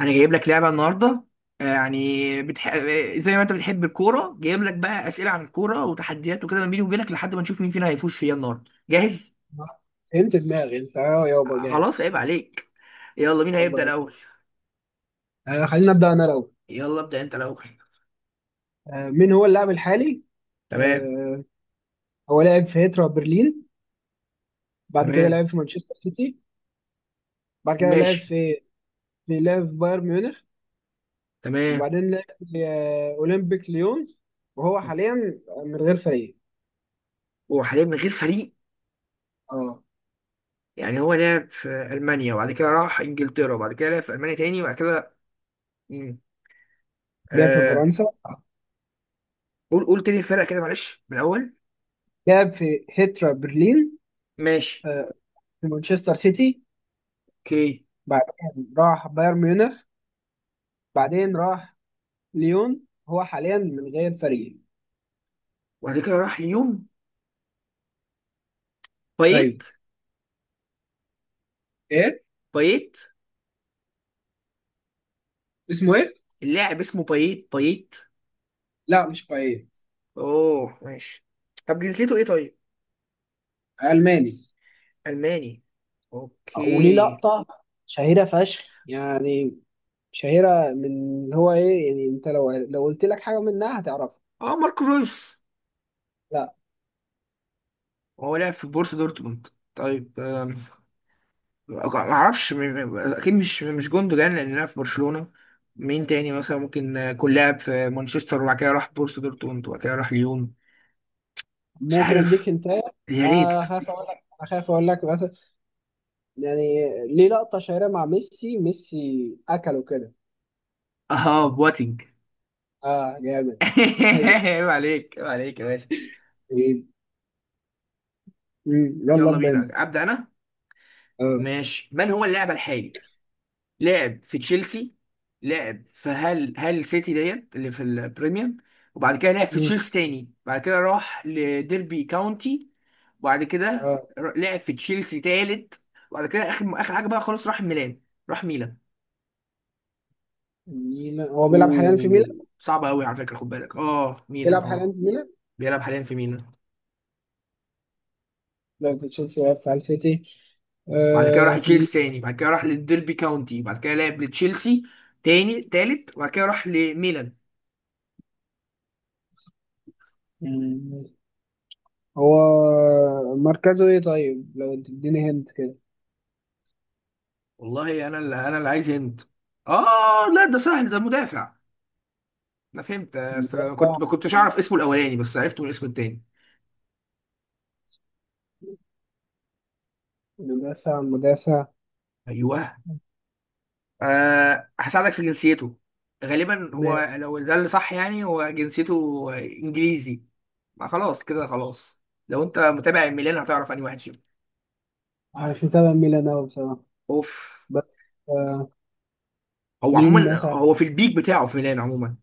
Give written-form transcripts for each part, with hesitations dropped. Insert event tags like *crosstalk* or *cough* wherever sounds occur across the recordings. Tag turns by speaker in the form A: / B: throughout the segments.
A: انا جايب لك لعبه النهارده. يعني بتح... آه، زي ما انت بتحب الكوره جايب لك بقى اسئله عن الكوره وتحديات وكده ما بيني وبينك لحد ما نشوف مين فينا هيفوز فيها النهارده. جاهز؟
B: فهمت دماغي. انت يابا
A: خلاص عيب
B: جاهز.
A: عليك. يلا مين هيبدا
B: يلا،
A: الاول؟
B: خلينا نبدأ انا الاول.
A: يلا ابدا انت الاول.
B: مين هو اللاعب الحالي؟
A: تمام.
B: آه هو لعب في هيترا برلين، بعد كده
A: تمام
B: لعب في مانشستر سيتي، بعد كده لعب
A: ماشي.
B: في في لعب في بايرن ميونخ،
A: تمام
B: وبعدين لعب في اولمبيك ليون، وهو حاليا من غير فريق.
A: وحاليا من غير فريق.
B: اه.
A: يعني هو لعب في المانيا وبعد كده راح انجلترا وبعد كده لعب في المانيا تاني وبعد كده مم.
B: لعب في
A: آه...
B: فرنسا.
A: قول قول تاني الفرق كده معلش من الاول.
B: لعب في هيترا برلين،
A: ماشي.
B: آه في مانشستر سيتي،
A: اوكي.
B: بعدين راح بايرن ميونخ، بعدين راح ليون، هو حاليا من غير فريق.
A: وبعد كده راح ليون.
B: ايوه.
A: بايت.
B: ايه
A: بايت.
B: اسمه ايه؟
A: اللاعب اسمه بايت بايت.
B: لا، مش بايت.
A: اوه ماشي. طب جنسيته ايه طيب؟
B: الماني.
A: الماني.
B: وليه
A: اوكي.
B: لقطة شهيرة فشخ، يعني شهيرة من اللي هو ايه، يعني انت لو لو قلت لك حاجة منها هتعرفها.
A: اه ماركو رويس.
B: لا.
A: هو لعب في بورسا دورتموند. طيب ما اعرفش اكيد مش جوندوجان لان لعب في برشلونة. مين تاني مثلا ممكن يكون لاعب في مانشستر وبعد كده راح بورسا دورتموند وبعد كده راح ليون؟ مش
B: ممكن
A: عارف.
B: اديك انت.
A: يا ريت.
B: خاف اقول لك، اخاف اقول لك مثلا، يعني ليه لقطة شهيرة مع ميسي، ميسي اكله كده.
A: اه بواتينج.
B: اه جامد.
A: *laughs*
B: هي،
A: عيب عليك عيب عليك يا باشا.
B: هي، مم. يلا
A: يلا
B: ابدا انت.
A: بينا ابدا انا.
B: اه.
A: ماشي. من هو اللاعب الحالي؟ لعب في تشيلسي. لعب في هال سيتي ديت اللي في البريميوم. وبعد كده لعب في
B: مم.
A: تشيلسي تاني بعد كده راح لديربي كاونتي. وبعد كده
B: اه،
A: لعب في تشيلسي تالت. وبعد كده اخر حاجه بقى خلاص راح ميلان. راح ميلان.
B: ميلان. هو بيلعب حاليا في
A: اوه
B: ميلان؟
A: صعبه قوي على فكره خد بالك اه ميلان
B: بيلعب
A: اه.
B: حاليا في ميلان.
A: بيلعب حاليا في ميلان.
B: لا في تشيلسي ولا في السيتي.
A: بعد كده راح
B: آه. مين؟
A: تشيلسي تاني بعد كده راح للديربي كاونتي بعد كده لعب لتشيلسي تاني تالت وبعد كده راح لميلان.
B: مم. هو مركزه ايه طيب؟ لو تديني هنت كده.
A: والله انا اللي عايز هند. اه لا ده سهل ده مدافع. انا فهمت أصل أنا كنت
B: مدافع.
A: ما كنتش اعرف اسمه الاولاني بس عرفته من اسمه التاني.
B: مدافع، مدافع.
A: ايوه. آه هساعدك في جنسيته. غالبا هو
B: ماشي.
A: لو ده اللي صح يعني هو جنسيته انجليزي. ما خلاص كده خلاص. لو انت متابع الميلان هتعرف انهي واحد فيهم.
B: عارف متابع ميلان أوي بصراحة،
A: اوف.
B: بس. آه.
A: هو
B: مين
A: عموما
B: مثلا؟
A: هو في البيك بتاعه في ميلان عموما.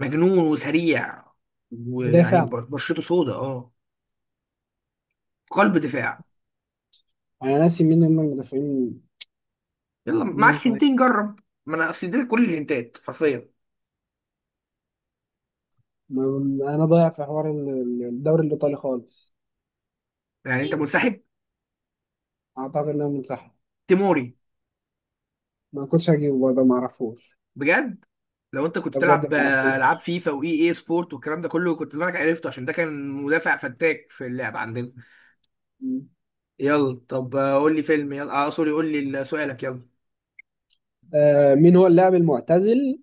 A: مجنون وسريع. ويعني
B: مدافع.
A: بشرته سودا اه. قلب دفاع.
B: أنا ناسي مين هم المدافعين.
A: يلا
B: مين
A: معاك
B: طيب؟
A: هنتين جرب. ما انا اصل دي كل الهنتات حرفيا.
B: أنا ضايع في حوار الدوري الإيطالي خالص.
A: يعني انت منسحب؟
B: أعتقد إن أنا منسحب.
A: تيموري.
B: ما كنتش هجيبه برضه، ما أعرفوش.
A: بجد. لو انت كنت
B: ده بجد ما
A: بتلعب العاب
B: أعرفوش.
A: فيفا واي اي سبورت والكلام ده كله كنت زمانك عرفته عشان ده كان مدافع فتاك في اللعب عندنا.
B: م.
A: يلا طب قول لي فيلم يلا اه سوري قول لي سؤالك يلا.
B: مين هو اللاعب المعتزل؟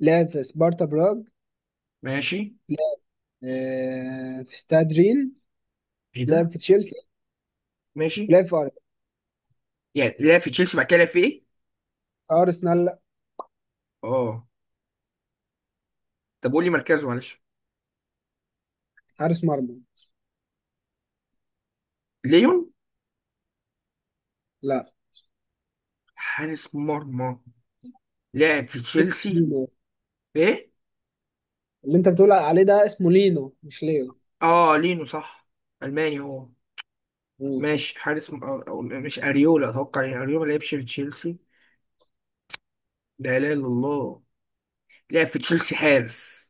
B: لعب في سبارتا براغ،
A: ماشي.
B: في استاد رين،
A: ايه ده.
B: لعب في تشيلسي،
A: ماشي.
B: لعب
A: يعني لعب في تشيلسي بعد كده لعب في ايه؟
B: ارسنال. لا.
A: اه. طب قول لي مركزه معلش.
B: حارس مرمى.
A: ليون.
B: لا.
A: حارس مرمى. لعب في
B: اسمه
A: تشيلسي.
B: لينو.
A: ايه.
B: اللي انت بتقول عليه ده اسمه لينو مش ليو.
A: اه لينو صح. الماني هو.
B: مم.
A: ماشي. حارس م... أو... أو... مش اريولا اتوقع يعني اريولا ما لعبش في تشيلسي. ده لا اله الا الله. لعب في تشيلسي حارس.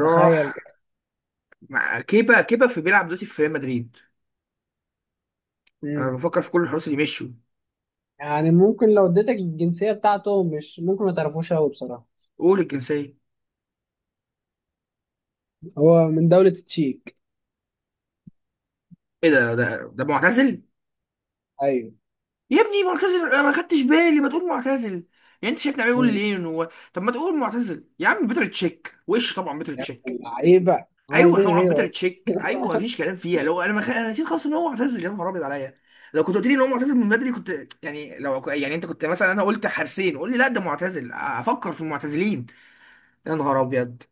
B: تخيل كده.
A: مع كيبا في بيلعب دلوقتي في ريال مدريد. انا
B: مم.
A: بفكر في كل الحراس اللي مشوا.
B: يعني ممكن لو اديتك الجنسية بتاعته، مش ممكن ما تعرفوش قوي بصراحة.
A: قول الجنسيه.
B: هو من دولة التشيك.
A: ايه ده ده معتزل؟
B: ايوه.
A: يا ابني معتزل انا ما خدتش بالي ما تقول معتزل. يعني انت شايفني عمال اقول
B: مم.
A: ليه إن هو. طب ما تقول معتزل يا عم. بيتر تشيك وش. طبعا بيتر
B: يعني
A: تشيك.
B: لعيبة، هو
A: ايوه
B: مفيش
A: طبعا
B: غيره
A: بيتر
B: أصلاً.
A: تشيك. ايوه مفيش كلام فيها. لو انا انا نسيت خالص ان هو معتزل. يا نهار ابيض عليا. لو كنت قلت لي ان هو معتزل من بدري كنت يعني لو يعني انت كنت مثلا انا قلت حارسين قول لي لا ده معتزل افكر في
B: مم.
A: المعتزلين. يا نهار ابيض.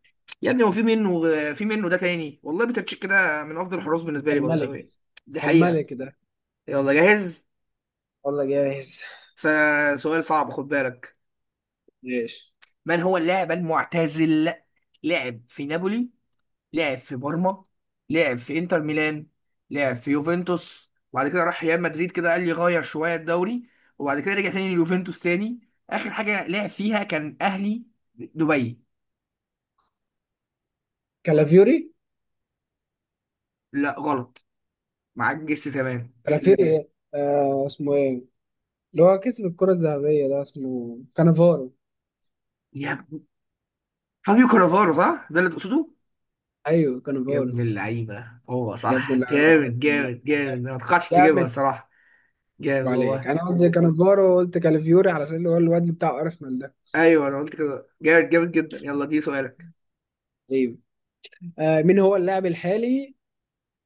A: يا ابني هو في منه. في منه ده تاني والله. بيتر تشيك ده من افضل الحراس بالنسبه
B: ده
A: لي باي ذا
B: الملك،
A: واي. دي
B: ده
A: حقيقه.
B: الملك ده.
A: يلا جاهز.
B: والله جاهز.
A: س... سؤال صعب خد بالك.
B: ماشي.
A: من هو اللاعب المعتزل؟ لعب في نابولي. لعب في بارما. لعب في انتر ميلان. لعب في يوفنتوس وبعد كده راح ريال مدريد كده قال لي غير شويه الدوري. وبعد كده رجع تاني ليوفنتوس تاني. اخر حاجه لعب فيها كان اهلي دبي.
B: كالافيوري.
A: لا غلط. معاك جس تمام.
B: كالافيوري ايه، اسمه ايه اللي هو كسب الكرة الذهبية ده، اسمه كانافارو.
A: يا ابن- فابيو كانافارو صح ده اللي تقصده.
B: ايوه
A: يا
B: كانافارو.
A: ابن اللعيبه هو
B: يا ابن
A: صح
B: اللعيبه، على
A: جامد
B: السلامة.
A: جامد جامد انا ما توقعتش تجيبها
B: جامد
A: الصراحه. جامد
B: عليك.
A: والله.
B: انا قصدي كانافارو، قلت كالفيوري على اساس اللي هو الواد بتاع ارسنال ده.
A: ايوه انا قلت كده جامد جامد جدا. يلا دي سؤالك.
B: ايوه. مين هو اللاعب الحالي؟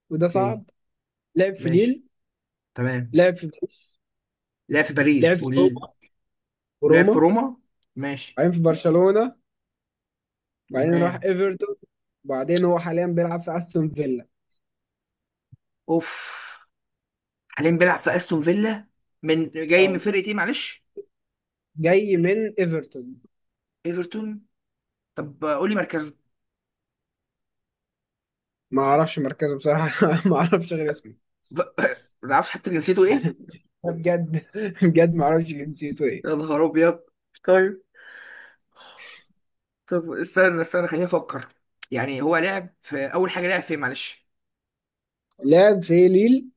B: وده
A: اوكي.
B: صعب. لعب في ليل،
A: ماشي. تمام.
B: لعب في باريس،
A: لعب في
B: لعب
A: باريس
B: في
A: وليل.
B: روما،
A: ولعب في
B: وروما،
A: روما. ماشي.
B: بعدين في برشلونه، بعدين راح
A: تمام.
B: ايفرتون، بعدين هو حاليا بيلعب في استون فيلا.
A: اوف. حاليا بيلعب في استون فيلا. من جاي من
B: اه.
A: فرقه ايه معلش؟
B: جاي من ايفرتون.
A: ايفرتون. طب قول لي مركزه.
B: ما اعرفش مركزه بصراحه *laughs* ما اعرفش غير اسمه.
A: ب- *laughs* ما تعرفش حتى جنسيته ايه.
B: بجد *laughs* بجد ما اعرفش جنسيته ايه.
A: يا نهار ابيض. طيب. طب استنى استنى خليني افكر. يعني هو لعب في اول حاجه لعب فين معلش.
B: لعب في ليل،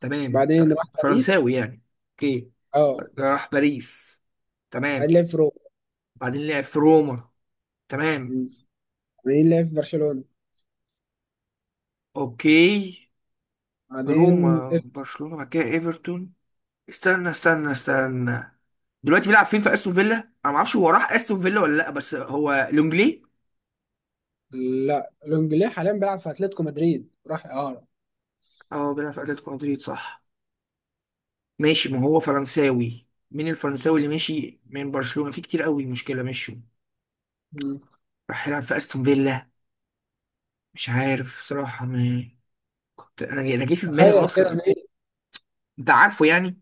A: تمام
B: بعدين راح
A: طيب
B: باريس.
A: فرنساوي يعني. اوكي.
B: اه.
A: راح باريس.
B: بعدين
A: تمام.
B: لعب في روما.
A: بعدين لعب في روما. تمام.
B: مم. بعدين لعب في برشلونة،
A: اوكي.
B: بعدين.
A: روما برشلونه بعد كده ايفرتون. استنى استنى استنى. دلوقتي بيلعب فين في استون فيلا. انا ما اعرفش هو راح استون فيلا ولا لا بس هو لونجلي.
B: لا، لونجلي حاليا بيلعب في اتلتيكو مدريد، راح اعاره.
A: اه بيلعب في اتلتيكو مدريد صح. ماشي. ما هو فرنساوي. مين الفرنساوي اللي ماشي من برشلونة في كتير قوي مشكلة مشوا.
B: مم.
A: راح يلعب في استون فيلا. مش عارف صراحة ما كنت انا جه في دماغي
B: تخيل كده
A: اصلا.
B: مين.
A: انت عارفه. يعني ما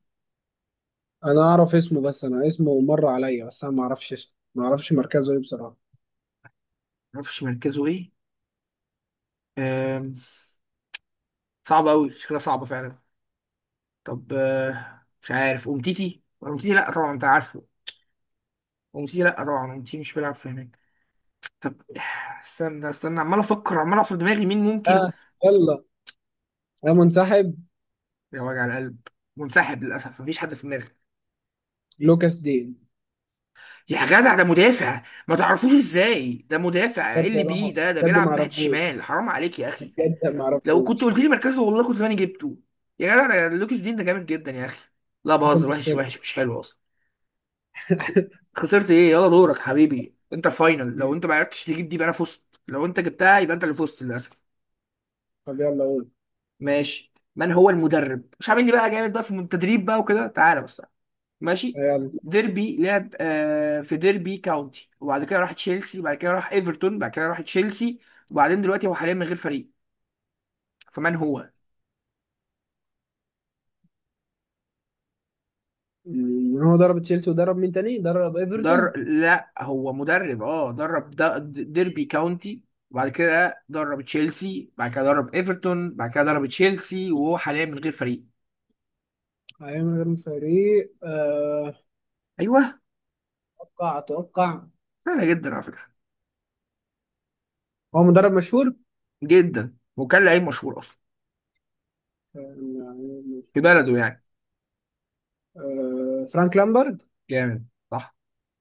B: انا اعرف اسمه، بس انا اسمه مر عليا، بس انا ما اعرفش اسمه، ما اعرفش مركزه ايه بصراحة.
A: اعرفش مركزه ايه. أم... صعب قوي شكلها صعبة فعلا. طب مش عارف امتيتي. امتيتي لا طبعا انت عارفه. امتيتي لا طبعا امتيتي مش بيلعب في هناك. طب. استنى استنى عمال افكر عمال اقف في دماغي مين ممكن.
B: اه. يلا يا منسحب.
A: يا وجع القلب. منسحب للاسف مفيش حد في دماغي.
B: لوكاس دين.
A: يا جدع ده مدافع. ما تعرفوش ازاي ده مدافع ايه
B: بجد
A: اللي
B: والله
A: بيه ده
B: بجد ما
A: بيلعب ناحيه
B: اعرفوش،
A: الشمال حرام عليك يا اخي.
B: بجد ما
A: لو كنت
B: اعرفوش.
A: قلت لي مركزه والله كنت زماني جبته. يا جدع ده لوكيس دين ده جامد جدا يا اخي. لا
B: اصلا
A: بهزر.
B: انت
A: وحش
B: خسرت.
A: وحش مش حلو اصلا. خ-
B: *laughs*
A: خسرت ايه. يلا دورك حبيبي انت فاينل. لو
B: مم.
A: انت ما عرفتش تجيب دي يبقى انا فزت. لو انت جبتها يبقى انت اللي فزت للاسف.
B: طب يلا قول.
A: ماشي. من هو المدرب مش عامل لي بقى جامد بقى في التدريب بقى وكده تعالى بس تعالى. ماشي.
B: يلا.
A: ديربي لعب آه في ديربي كاونتي وبعد كده راح تشيلسي وبعد كده راح ايفرتون بعد كده راح تشيلسي. وبعدين دلوقتي هو حاليا من غير فريق. فمن هو؟
B: مم. هو ضرب تشيلسي، وضرب مين تاني؟ ضرب
A: در
B: ايفرتون.
A: لا هو مدرب اه ديربي كاونتي. وبعد كده درب تشيلسي بعد كده درب ايفرتون بعد كده درب تشيلسي وهو حاليا من غير فريق.
B: هيعمل غير فريق،
A: ايوه.
B: اتوقع اتوقع.
A: سهله جدا على فكره.
B: هو مدرب مشهور.
A: جدا وكان لعيب مشهور اصلا في بلده
B: آه،
A: يعني.
B: آه، فرانك لامبرد.
A: جامد صح.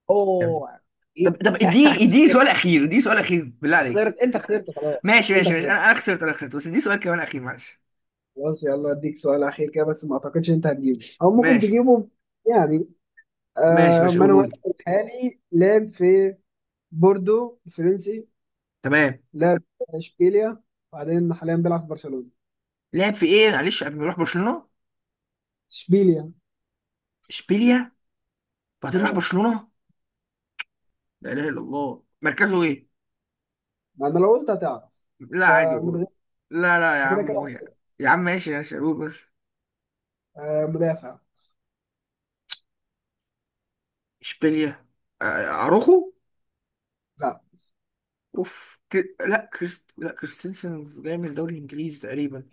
B: اوه.
A: طب
B: إيه؟
A: طب اديني
B: *laughs*
A: سؤال اخير اديني سؤال اخير بالله عليك.
B: خسرت، انت خسرت، خلاص
A: ماشي
B: انت
A: ماشي ماشي
B: خسرت.
A: انا انا خسرت بس اديني سؤال كمان اخير معلش.
B: خلاص يلا اديك سؤال اخير كده، بس ما اعتقدش انت هتجيبه، او ممكن
A: ماشي
B: تجيبه. يعني
A: ماشي ماشي
B: مانويل
A: قوله لي.
B: الحالي، لعب في بوردو الفرنسي،
A: تمام.
B: لعب في اشبيليا، وبعدين حاليا بيلعب في برشلونة.
A: لعب في ايه معلش قبل ما يروح برشلونة؟
B: اشبيليا.
A: اشبيليا. بعدين راح
B: اه.
A: برشلونة. لا اله الا الله مركزه ايه؟
B: ما انا لو قلت هتعرف.
A: لا عادي
B: فمن غير.
A: قول. لا لا يا
B: أنت كده
A: عم
B: كده
A: قول يا عم.
B: خسرت.
A: يا عم ماشي ماشي قول بس.
B: آه، مدافع.
A: اشبيليا. اروخو.
B: لا.
A: اوف كر... لا كريست لا كريستنسن جاي من الدوري الانجليزي تقريبا.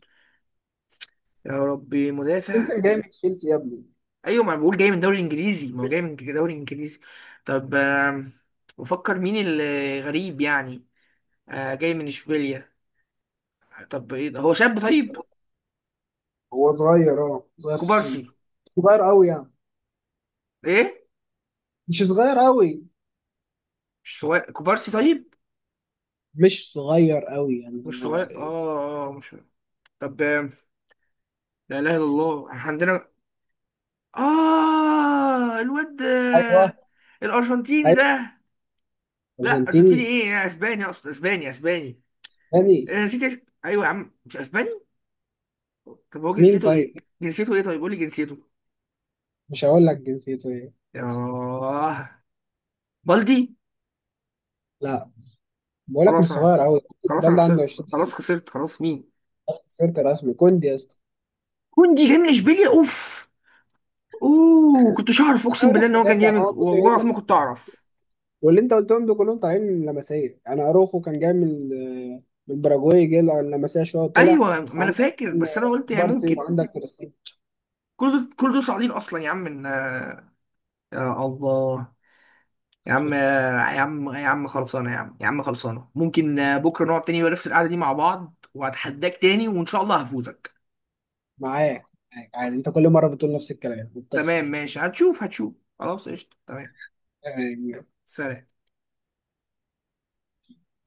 A: يا ربي
B: انت
A: مدافع.
B: جاي من تشيلسي يا ابني.
A: ايوه ما أنا بقول جاي من دوري انجليزي ما هو جاي من دوري انجليزي. طب بفكر مين اللي غريب يعني. جاي من اشبيليا. طب ايه ده هو شاب طيب.
B: هو صغير، اه صغير في السن.
A: كوبارسي.
B: صغير قوي يعني.
A: ايه.
B: مش صغير قوي،
A: مش صغير كوبارسي طيب.
B: مش صغير قوي يعني
A: مش
B: هو.
A: صغير مش. طب لا اله الا الله إحنا عندنا اه الواد
B: ايوه.
A: الارجنتيني
B: ايوه.
A: ده. لا ارجنتيني
B: ارجنتيني
A: ايه إيه، اسباني اقصد اسباني اسباني.
B: تاني.
A: نسيت ايوه يا عم مش اسباني. طب هو
B: مين
A: جنسيته
B: طيب؟
A: ايه؟ جنسيته ايه طيب قول لي جنسيته.
B: مش هقول لك جنسيته ايه.
A: ياه. بالدي.
B: لا، بقول لك مش
A: خلاص انا
B: صغير قوي.
A: خلاص
B: البال
A: انا
B: ده عنده
A: خسرت
B: 20 سنه
A: خلاص خسرت خلاص مين.
B: بس. خسرت رسمي. كوندي يا اسطى.
A: كوندي جاي من اشبيليا اوف. اوه كنتش اعرف
B: أنا
A: اقسم
B: اقول
A: بالله ان
B: لك
A: هو كان
B: مدافع، ما
A: جامد
B: هو جزء
A: والله العظيم
B: ايه.
A: ما كنت اعرف.
B: واللي انت قلتهم دول كلهم طالعين من لمسيه، يعني اروخو كان جاي من من الباراجواي، جه على اللمسيه شويه وطلع.
A: ايوه ما انا
B: وعندك
A: فاكر بس انا قلت يعني
B: بارسي،
A: ممكن.
B: وعندك كريستيانو.
A: كل دول صاعدين اصلا يا عم من يا الله. يا عم يا عم يا عم خلصانه يا عم يا عم خلصانه ممكن بكره نقعد تاني ونفس القعده دي مع بعض وهتحداك تاني وان شاء الله هفوزك.
B: معاك، معاك عادي. انت كل مره بتقول نفس الكلام
A: تمام
B: وبتخسر.
A: ماشي هتشوف هتشوف. خلاص قشطه تمام.
B: يعني.
A: سلام.